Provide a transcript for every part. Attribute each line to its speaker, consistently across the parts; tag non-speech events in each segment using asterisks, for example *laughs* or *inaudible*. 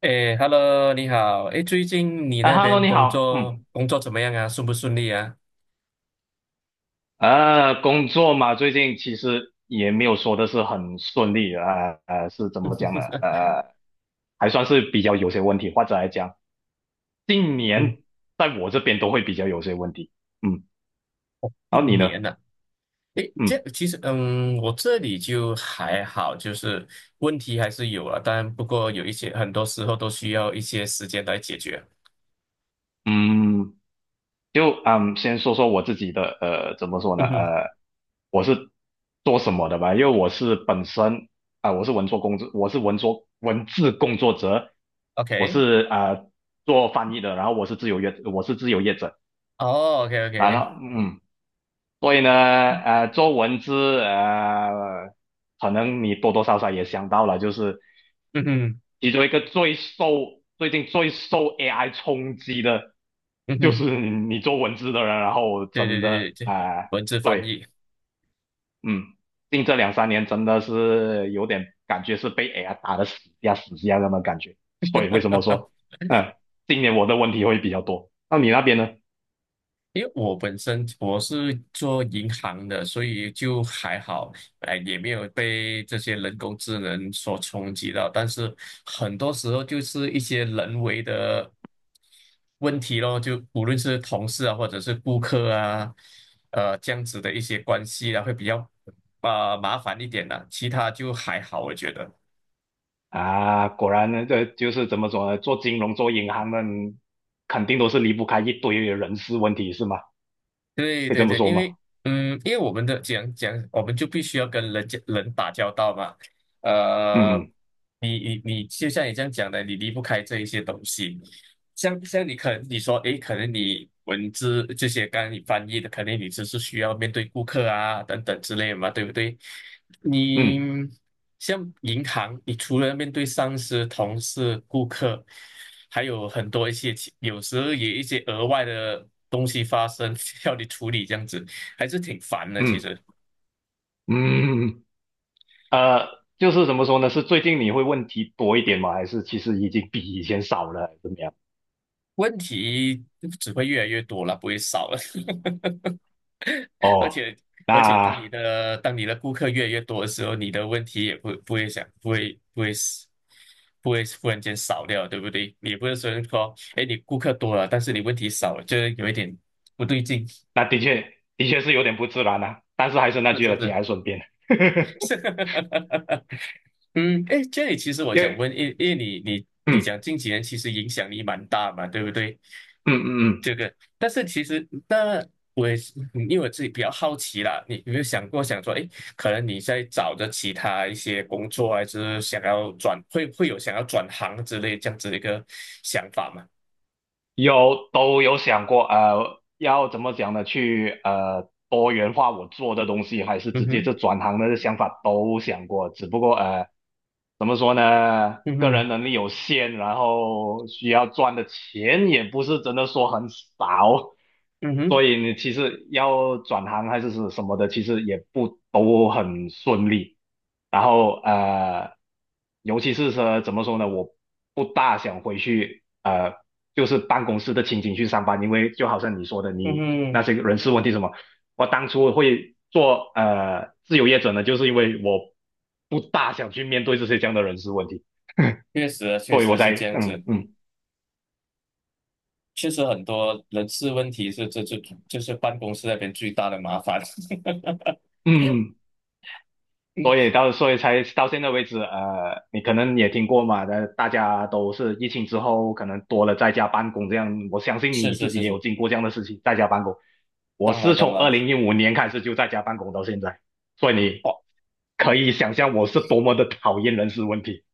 Speaker 1: 哎，Hello，你好。哎，最近你
Speaker 2: 啊
Speaker 1: 那
Speaker 2: ，Hello，
Speaker 1: 边
Speaker 2: 你
Speaker 1: 工
Speaker 2: 好，嗯，
Speaker 1: 作工作怎么样啊？顺不顺利啊？
Speaker 2: 工作嘛，最近其实也没有说的是很顺利，是怎么讲呢？还算是比较有些问题，或者来讲，近
Speaker 1: 嗯，
Speaker 2: 年在我这边都会比较有些问题，嗯，然后你
Speaker 1: 近
Speaker 2: 呢？
Speaker 1: 年了、啊哎，这
Speaker 2: 嗯
Speaker 1: 其实，我这里就还好，就是问题还是有啊，但不过有一些很多时候都需要一些时间来解决。
Speaker 2: 嗯。就先说说我自己的怎么说呢？
Speaker 1: 嗯哼
Speaker 2: 我是做什么的吧？因为我是本身我是文作工作，我是文作文字工作者，我
Speaker 1: ，OK，
Speaker 2: 是做翻译的，然后我是自由业，我是自由业者，
Speaker 1: 哦
Speaker 2: 然
Speaker 1: ，OK，OK，
Speaker 2: 后所以呢，做文字可能你多多少少也想到了，就是
Speaker 1: 嗯哼，
Speaker 2: 其中一个最近最受 AI 冲击的，
Speaker 1: 嗯
Speaker 2: 就
Speaker 1: 哼，
Speaker 2: 是你做文字的人，然后
Speaker 1: 对对
Speaker 2: 真的
Speaker 1: 对对对，
Speaker 2: 呃
Speaker 1: 文字翻
Speaker 2: 对，
Speaker 1: 译。
Speaker 2: 嗯，近这两三年真的是有点感觉是被 AI 打的死下死下那么感觉，所以为什么说，
Speaker 1: *laughs*
Speaker 2: 嗯，今年我的问题会比较多，那你那边呢？
Speaker 1: 因为我本身我是做银行的，所以就还好，哎，也没有被这些人工智能所冲击到。但是很多时候就是一些人为的问题咯，就无论是同事啊，或者是顾客啊，这样子的一些关系啊，会比较啊、麻烦一点的、其他就还好，我觉得。
Speaker 2: 啊，果然呢，这就是怎么说呢？做金融、做银行的，肯定都是离不开一堆人事问题，是吗？
Speaker 1: 对
Speaker 2: 可以这
Speaker 1: 对
Speaker 2: 么
Speaker 1: 对，
Speaker 2: 说
Speaker 1: 因
Speaker 2: 吗？
Speaker 1: 为嗯，因为我们的讲讲，我们就必须要跟人家人打交道嘛。呃，
Speaker 2: 嗯
Speaker 1: 你，就像你这样讲的，你离不开这一些东西。像你说，诶，可能你文字这些，刚刚你翻译的，可能你只是需要面对顾客啊等等之类的嘛，对不对？你
Speaker 2: 嗯
Speaker 1: 像银行，你除了面对上司、同事、顾客，还有很多一些有时候也一些额外的东西发生，*laughs* 要你处理，这样子还是挺烦的。其
Speaker 2: 嗯
Speaker 1: 实
Speaker 2: 嗯嗯。就是怎么说呢？是最近你会问题多一点吗？还是其实已经比以前少了，还是怎么样？
Speaker 1: 问题只会越来越多了，不会少了。*laughs* 而
Speaker 2: 哦，
Speaker 1: 且而且，当你
Speaker 2: 那
Speaker 1: 的当你的顾客越来越多的时候，你的问题也不不会想不会不会死不会忽然间少掉，对不对？你不是说，哎，你顾客多了，但是你问题少了，就是有一点不对劲。
Speaker 2: 那的确的确是有点不自然啊，但是还是那
Speaker 1: 是
Speaker 2: 句
Speaker 1: 是
Speaker 2: 了，节
Speaker 1: 是，
Speaker 2: 哀顺变。
Speaker 1: *laughs* 是，
Speaker 2: *laughs*
Speaker 1: 嗯，哎，这里其实我
Speaker 2: 因
Speaker 1: 想
Speaker 2: 为
Speaker 1: 问，因为你
Speaker 2: 嗯
Speaker 1: 讲近几年其实影响力蛮大嘛，对不对？
Speaker 2: 嗯嗯嗯，
Speaker 1: 这个，但是其实那我也是，因为我自己比较好奇啦，你有没有想过想说，哎，可能你在找着其他一些工作，还是想要转，会有想要转行之类这样子的一个想法吗？
Speaker 2: 都有想过，要怎么讲呢？去多元化我做的东西，还是
Speaker 1: 嗯
Speaker 2: 直接
Speaker 1: 哼，
Speaker 2: 就转行的想法都想过，只不过怎么说呢，
Speaker 1: 嗯
Speaker 2: 个
Speaker 1: 哼，
Speaker 2: 人能力有限，然后需要赚的钱也不是真的说很少，
Speaker 1: 嗯哼，
Speaker 2: 所以你其实要转行还是什么的，其实也不都很顺利，然后。尤其是说怎么说呢，我不大想回去，就是办公室的情景去上班，因为就好像你说的，
Speaker 1: 嗯
Speaker 2: 你那
Speaker 1: 哼，
Speaker 2: 些人事问题什么，我当初会做自由业者呢，就是因为我不大想去面对这些这样的人事问题，
Speaker 1: 确实啊
Speaker 2: *laughs*
Speaker 1: 确
Speaker 2: 所以我
Speaker 1: 实
Speaker 2: 才
Speaker 1: 是这样子。确实很多人事问题是这就是办公室那边最大的麻烦。*laughs*
Speaker 2: 嗯嗯所以才到现在为止，你可能也听过嘛，大家都是疫情之后可能多了在家办公这样，我相信
Speaker 1: 是
Speaker 2: 你
Speaker 1: 是
Speaker 2: 自己
Speaker 1: 是
Speaker 2: 也有
Speaker 1: 是，
Speaker 2: 经过这样的事情，在家办公。我
Speaker 1: 当
Speaker 2: 是
Speaker 1: 然当
Speaker 2: 从
Speaker 1: 然。
Speaker 2: 二零一五年开始就在家办公到现在，所以你
Speaker 1: 哇，
Speaker 2: 可以想象我是多么的讨厌人事问题。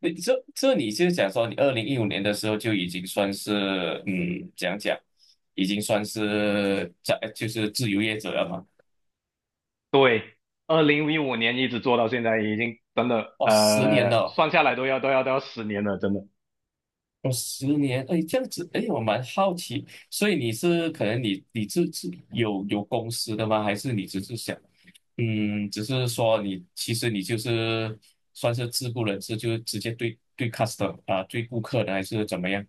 Speaker 1: 你这你是讲说你2015年的时候就已经算是怎样讲，已经算是在就是自由业者了嘛？
Speaker 2: 对，二零一五年一直做到现在，已经真的
Speaker 1: 哇，十年了哦，哦
Speaker 2: 算下来都要10年了，真的。
Speaker 1: 十年，哎，这样子，哎，我蛮好奇，所以你是可能你自有公司的吗？还是你只是想只是说你其实你就是算是自雇人士，就是直接对 customer 啊，对顾客的还是怎么样？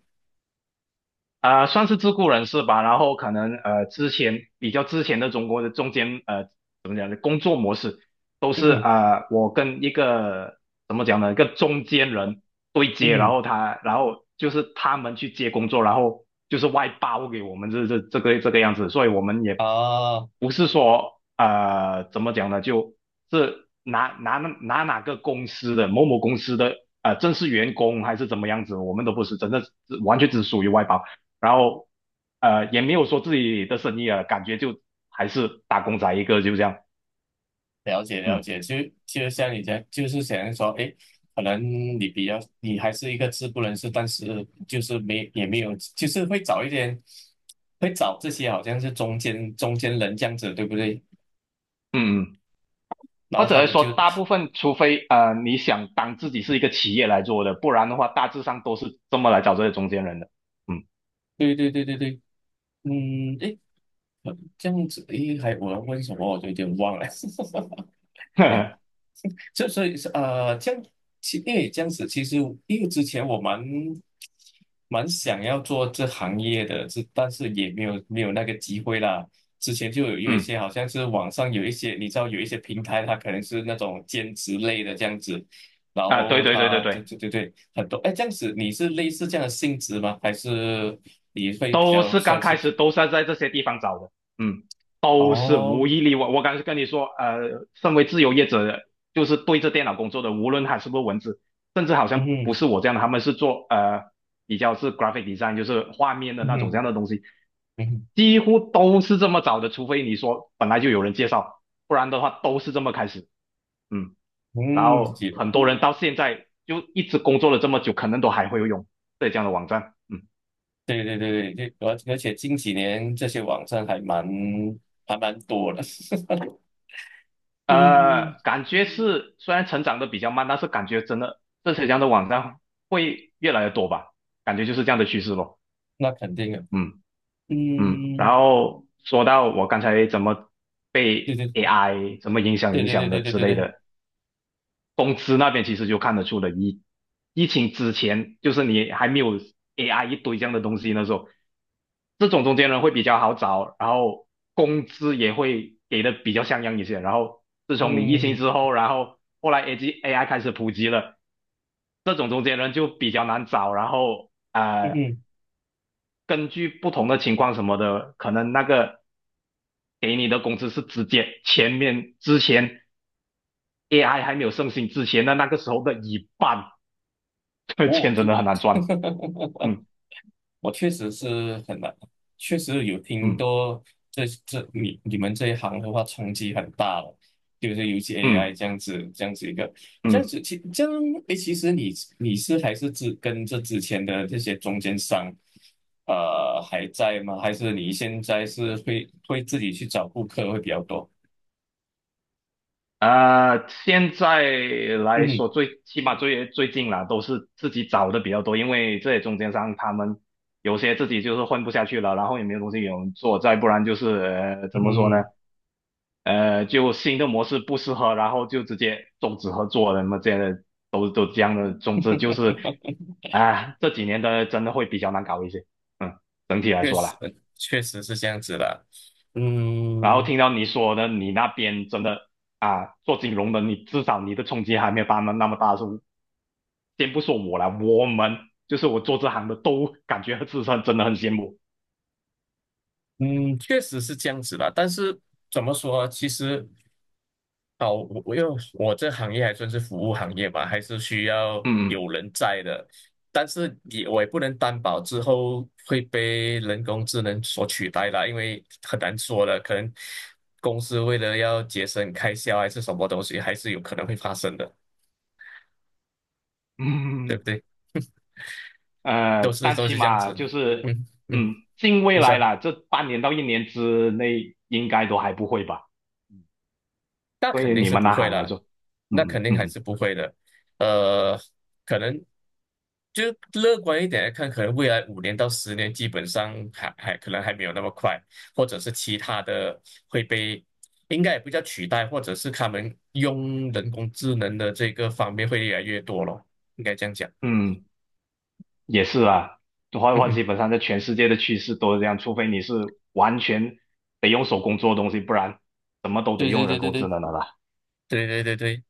Speaker 2: 算是自雇人士吧。然后可能之前比较之前的中国的中间怎么讲呢？工作模式都
Speaker 1: 嗯
Speaker 2: 是
Speaker 1: 哼，
Speaker 2: 我跟一个怎么讲呢，一个中间人对
Speaker 1: 嗯
Speaker 2: 接，然
Speaker 1: 哼，
Speaker 2: 后就是他们去接工作，然后就是外包给我们这个样子。所以我们也
Speaker 1: 啊，
Speaker 2: 不是说怎么讲呢，就是拿拿拿哪个公司的某某公司的正式员工还是怎么样子，我们都不是，真的是完全只属于外包，然后也没有说自己的生意啊，感觉就还是打工仔一个，就这样，
Speaker 1: 了解了
Speaker 2: 嗯
Speaker 1: 解，就像你讲，就是想说，诶，可能你比较你还是一个自雇人士，但是就是没也没有，就是会找一点，会找这些好像是中间人这样子，对不对？
Speaker 2: 嗯嗯，
Speaker 1: 然
Speaker 2: 或
Speaker 1: 后
Speaker 2: 者
Speaker 1: 他
Speaker 2: 来
Speaker 1: 们就，
Speaker 2: 说大部分，除非你想当自己是一个企业来做的，不然的话大致上都是这么来找这些中间人的，嗯
Speaker 1: 对对对对对，嗯，诶，这样子，诶，还我要问什么，我就有点忘了。*laughs*
Speaker 2: *laughs*
Speaker 1: 就所以是这样因为这样子，其实因为之前我蛮想要做这行业的，这但是也没有那个机会啦。之前就有一
Speaker 2: 嗯
Speaker 1: 些好像是网上有一些，你知道有一些平台，它可能是那种兼职类的这样子，然
Speaker 2: 啊，对
Speaker 1: 后
Speaker 2: 对对对
Speaker 1: 它对
Speaker 2: 对。
Speaker 1: 对对对很多哎这样子，你是类似这样的性质吗？还是你会比
Speaker 2: 都
Speaker 1: 较
Speaker 2: 是刚
Speaker 1: 算
Speaker 2: 开
Speaker 1: 是
Speaker 2: 始都是在这些地方找的，嗯，都是无
Speaker 1: 哦
Speaker 2: 一例外。我刚才跟你说，身为自由业者，就是对着电脑工作的，无论他是不是文字，甚至好
Speaker 1: 嗯
Speaker 2: 像
Speaker 1: 哼
Speaker 2: 不是我这样的，他们是做比较是 graphic design，就是画面的
Speaker 1: 嗯
Speaker 2: 那种这
Speaker 1: 哼
Speaker 2: 样的东西，
Speaker 1: 嗯哼
Speaker 2: 几乎都是这么找的，除非你说本来就有人介绍，不然的话都是这么开始，嗯，然
Speaker 1: 嗯，
Speaker 2: 后很多人到现在就一直工作了这么久，可能都还会用浙江的网站，嗯。
Speaker 1: 对对对对，而且近几年这些网站还蛮多的，*laughs* 嗯，
Speaker 2: 感觉是虽然成长的比较慢，但是感觉真的这些这样的网站会越来越多吧，感觉就是这样的趋势咯。
Speaker 1: 那肯定的，
Speaker 2: 嗯嗯，然
Speaker 1: 嗯，
Speaker 2: 后说到我刚才怎么
Speaker 1: 对
Speaker 2: 被
Speaker 1: 对
Speaker 2: AI 怎么影响
Speaker 1: 对
Speaker 2: 影
Speaker 1: 对对
Speaker 2: 响的
Speaker 1: 对对
Speaker 2: 之
Speaker 1: 对
Speaker 2: 类
Speaker 1: 对，
Speaker 2: 的，工资那边其实就看得出了疫情之前，就是你还没有 AI 一堆这样的东西那时候，这种中间人会比较好找，然后工资也会给的比较像样一些。然后自从你疫情
Speaker 1: 嗯
Speaker 2: 之后，然后后来 AGAI 开始普及了，这种中间人就比较难找。然后
Speaker 1: 嗯嗯，
Speaker 2: 根据不同的情况什么的，可能那个给你的工资是直接之前 AI 还没有盛行之前的那个时候的一半。*laughs* 这
Speaker 1: 哦，
Speaker 2: 钱
Speaker 1: 就
Speaker 2: 真的很难赚。
Speaker 1: *laughs*，
Speaker 2: 嗯
Speaker 1: 我确实是很难，确实有听
Speaker 2: 嗯
Speaker 1: 多这你们这一行的话冲击很大了，就是尤其 AI
Speaker 2: 嗯
Speaker 1: 这样子一个这样
Speaker 2: 嗯，
Speaker 1: 子这样诶，其实你你是还是只跟这之前的这些中间商，还在吗？还是你现在是会自己去找顾客会比较多？
Speaker 2: 现在来
Speaker 1: 嗯
Speaker 2: 说最起码最近啦，都是自己找的比较多，因为这些中间商他们有些自己就是混不下去了，然后也没有东西给我们做，再不然就是怎么说呢？
Speaker 1: 嗯
Speaker 2: 就新的模式不适合，然后就直接终止合作了，那么这样的都这样的，总之就是这几年的真的会比较难搞一些。嗯，整体
Speaker 1: *laughs*
Speaker 2: 来
Speaker 1: 确
Speaker 2: 说
Speaker 1: 实
Speaker 2: 啦。
Speaker 1: 确实是这样子啦，
Speaker 2: 然后
Speaker 1: 嗯。
Speaker 2: 听到你说的，你那边真的啊，做金融的，你至少你的冲击还没有他们那么大。时候，先不说我了，我们就是我做这行的都感觉自身真的很羡慕。
Speaker 1: 嗯，确实是这样子啦。但是怎么说啊，其实哦，我这行业还算是服务行业吧，还是需要
Speaker 2: 嗯
Speaker 1: 有人在的。但是我也不能担保之后会被人工智能所取代啦，因为很难说的。可能公司为了要节省开销还是什么东西，还是有可能会发生的，
Speaker 2: 嗯
Speaker 1: 对
Speaker 2: 嗯嗯
Speaker 1: 不
Speaker 2: 嗯，
Speaker 1: 对？都是
Speaker 2: 但
Speaker 1: 都
Speaker 2: 起
Speaker 1: 是这样
Speaker 2: 码
Speaker 1: 子。
Speaker 2: 就是
Speaker 1: 嗯嗯，
Speaker 2: 近未
Speaker 1: 你说
Speaker 2: 来
Speaker 1: 呢？
Speaker 2: 啦，这半年到一年之内应该都还不会吧？
Speaker 1: 那
Speaker 2: 对
Speaker 1: 肯
Speaker 2: 于
Speaker 1: 定
Speaker 2: 你
Speaker 1: 是
Speaker 2: 们
Speaker 1: 不
Speaker 2: 那
Speaker 1: 会
Speaker 2: 行来
Speaker 1: 啦，
Speaker 2: 说，
Speaker 1: 那肯
Speaker 2: 嗯
Speaker 1: 定还
Speaker 2: 嗯
Speaker 1: 是不会的。呃，可能就乐观一点来看，可能未来5年到10年，基本上还可能还没有那么快，或者是其他的会被，应该也不叫取代，或者是他们用人工智能的这个方面会越来越多咯，应该这样讲。
Speaker 2: 嗯嗯。也是啊，画
Speaker 1: 嗯
Speaker 2: 话
Speaker 1: 哼，
Speaker 2: 基本上在全世界的趋势都是这样，除非你是完全得用手工做的东西，不然什么都得
Speaker 1: 对对
Speaker 2: 用
Speaker 1: 对
Speaker 2: 人
Speaker 1: 对
Speaker 2: 工智
Speaker 1: 对。
Speaker 2: 能的啦。
Speaker 1: 对对对对。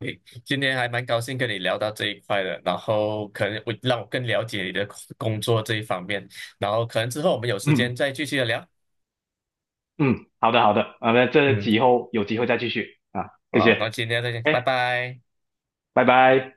Speaker 1: 诶，今天还蛮高兴跟你聊到这一块的，然后可能我让我更了解你的工作这一方面，然后可能之后我们有时间
Speaker 2: 嗯
Speaker 1: 再继续的聊。
Speaker 2: 嗯，好的好的，啊，那这
Speaker 1: 嗯，
Speaker 2: 以后有机会再继续啊，谢
Speaker 1: 好，那
Speaker 2: 谢，
Speaker 1: 今天再见，拜
Speaker 2: 哎，
Speaker 1: 拜。
Speaker 2: 拜拜。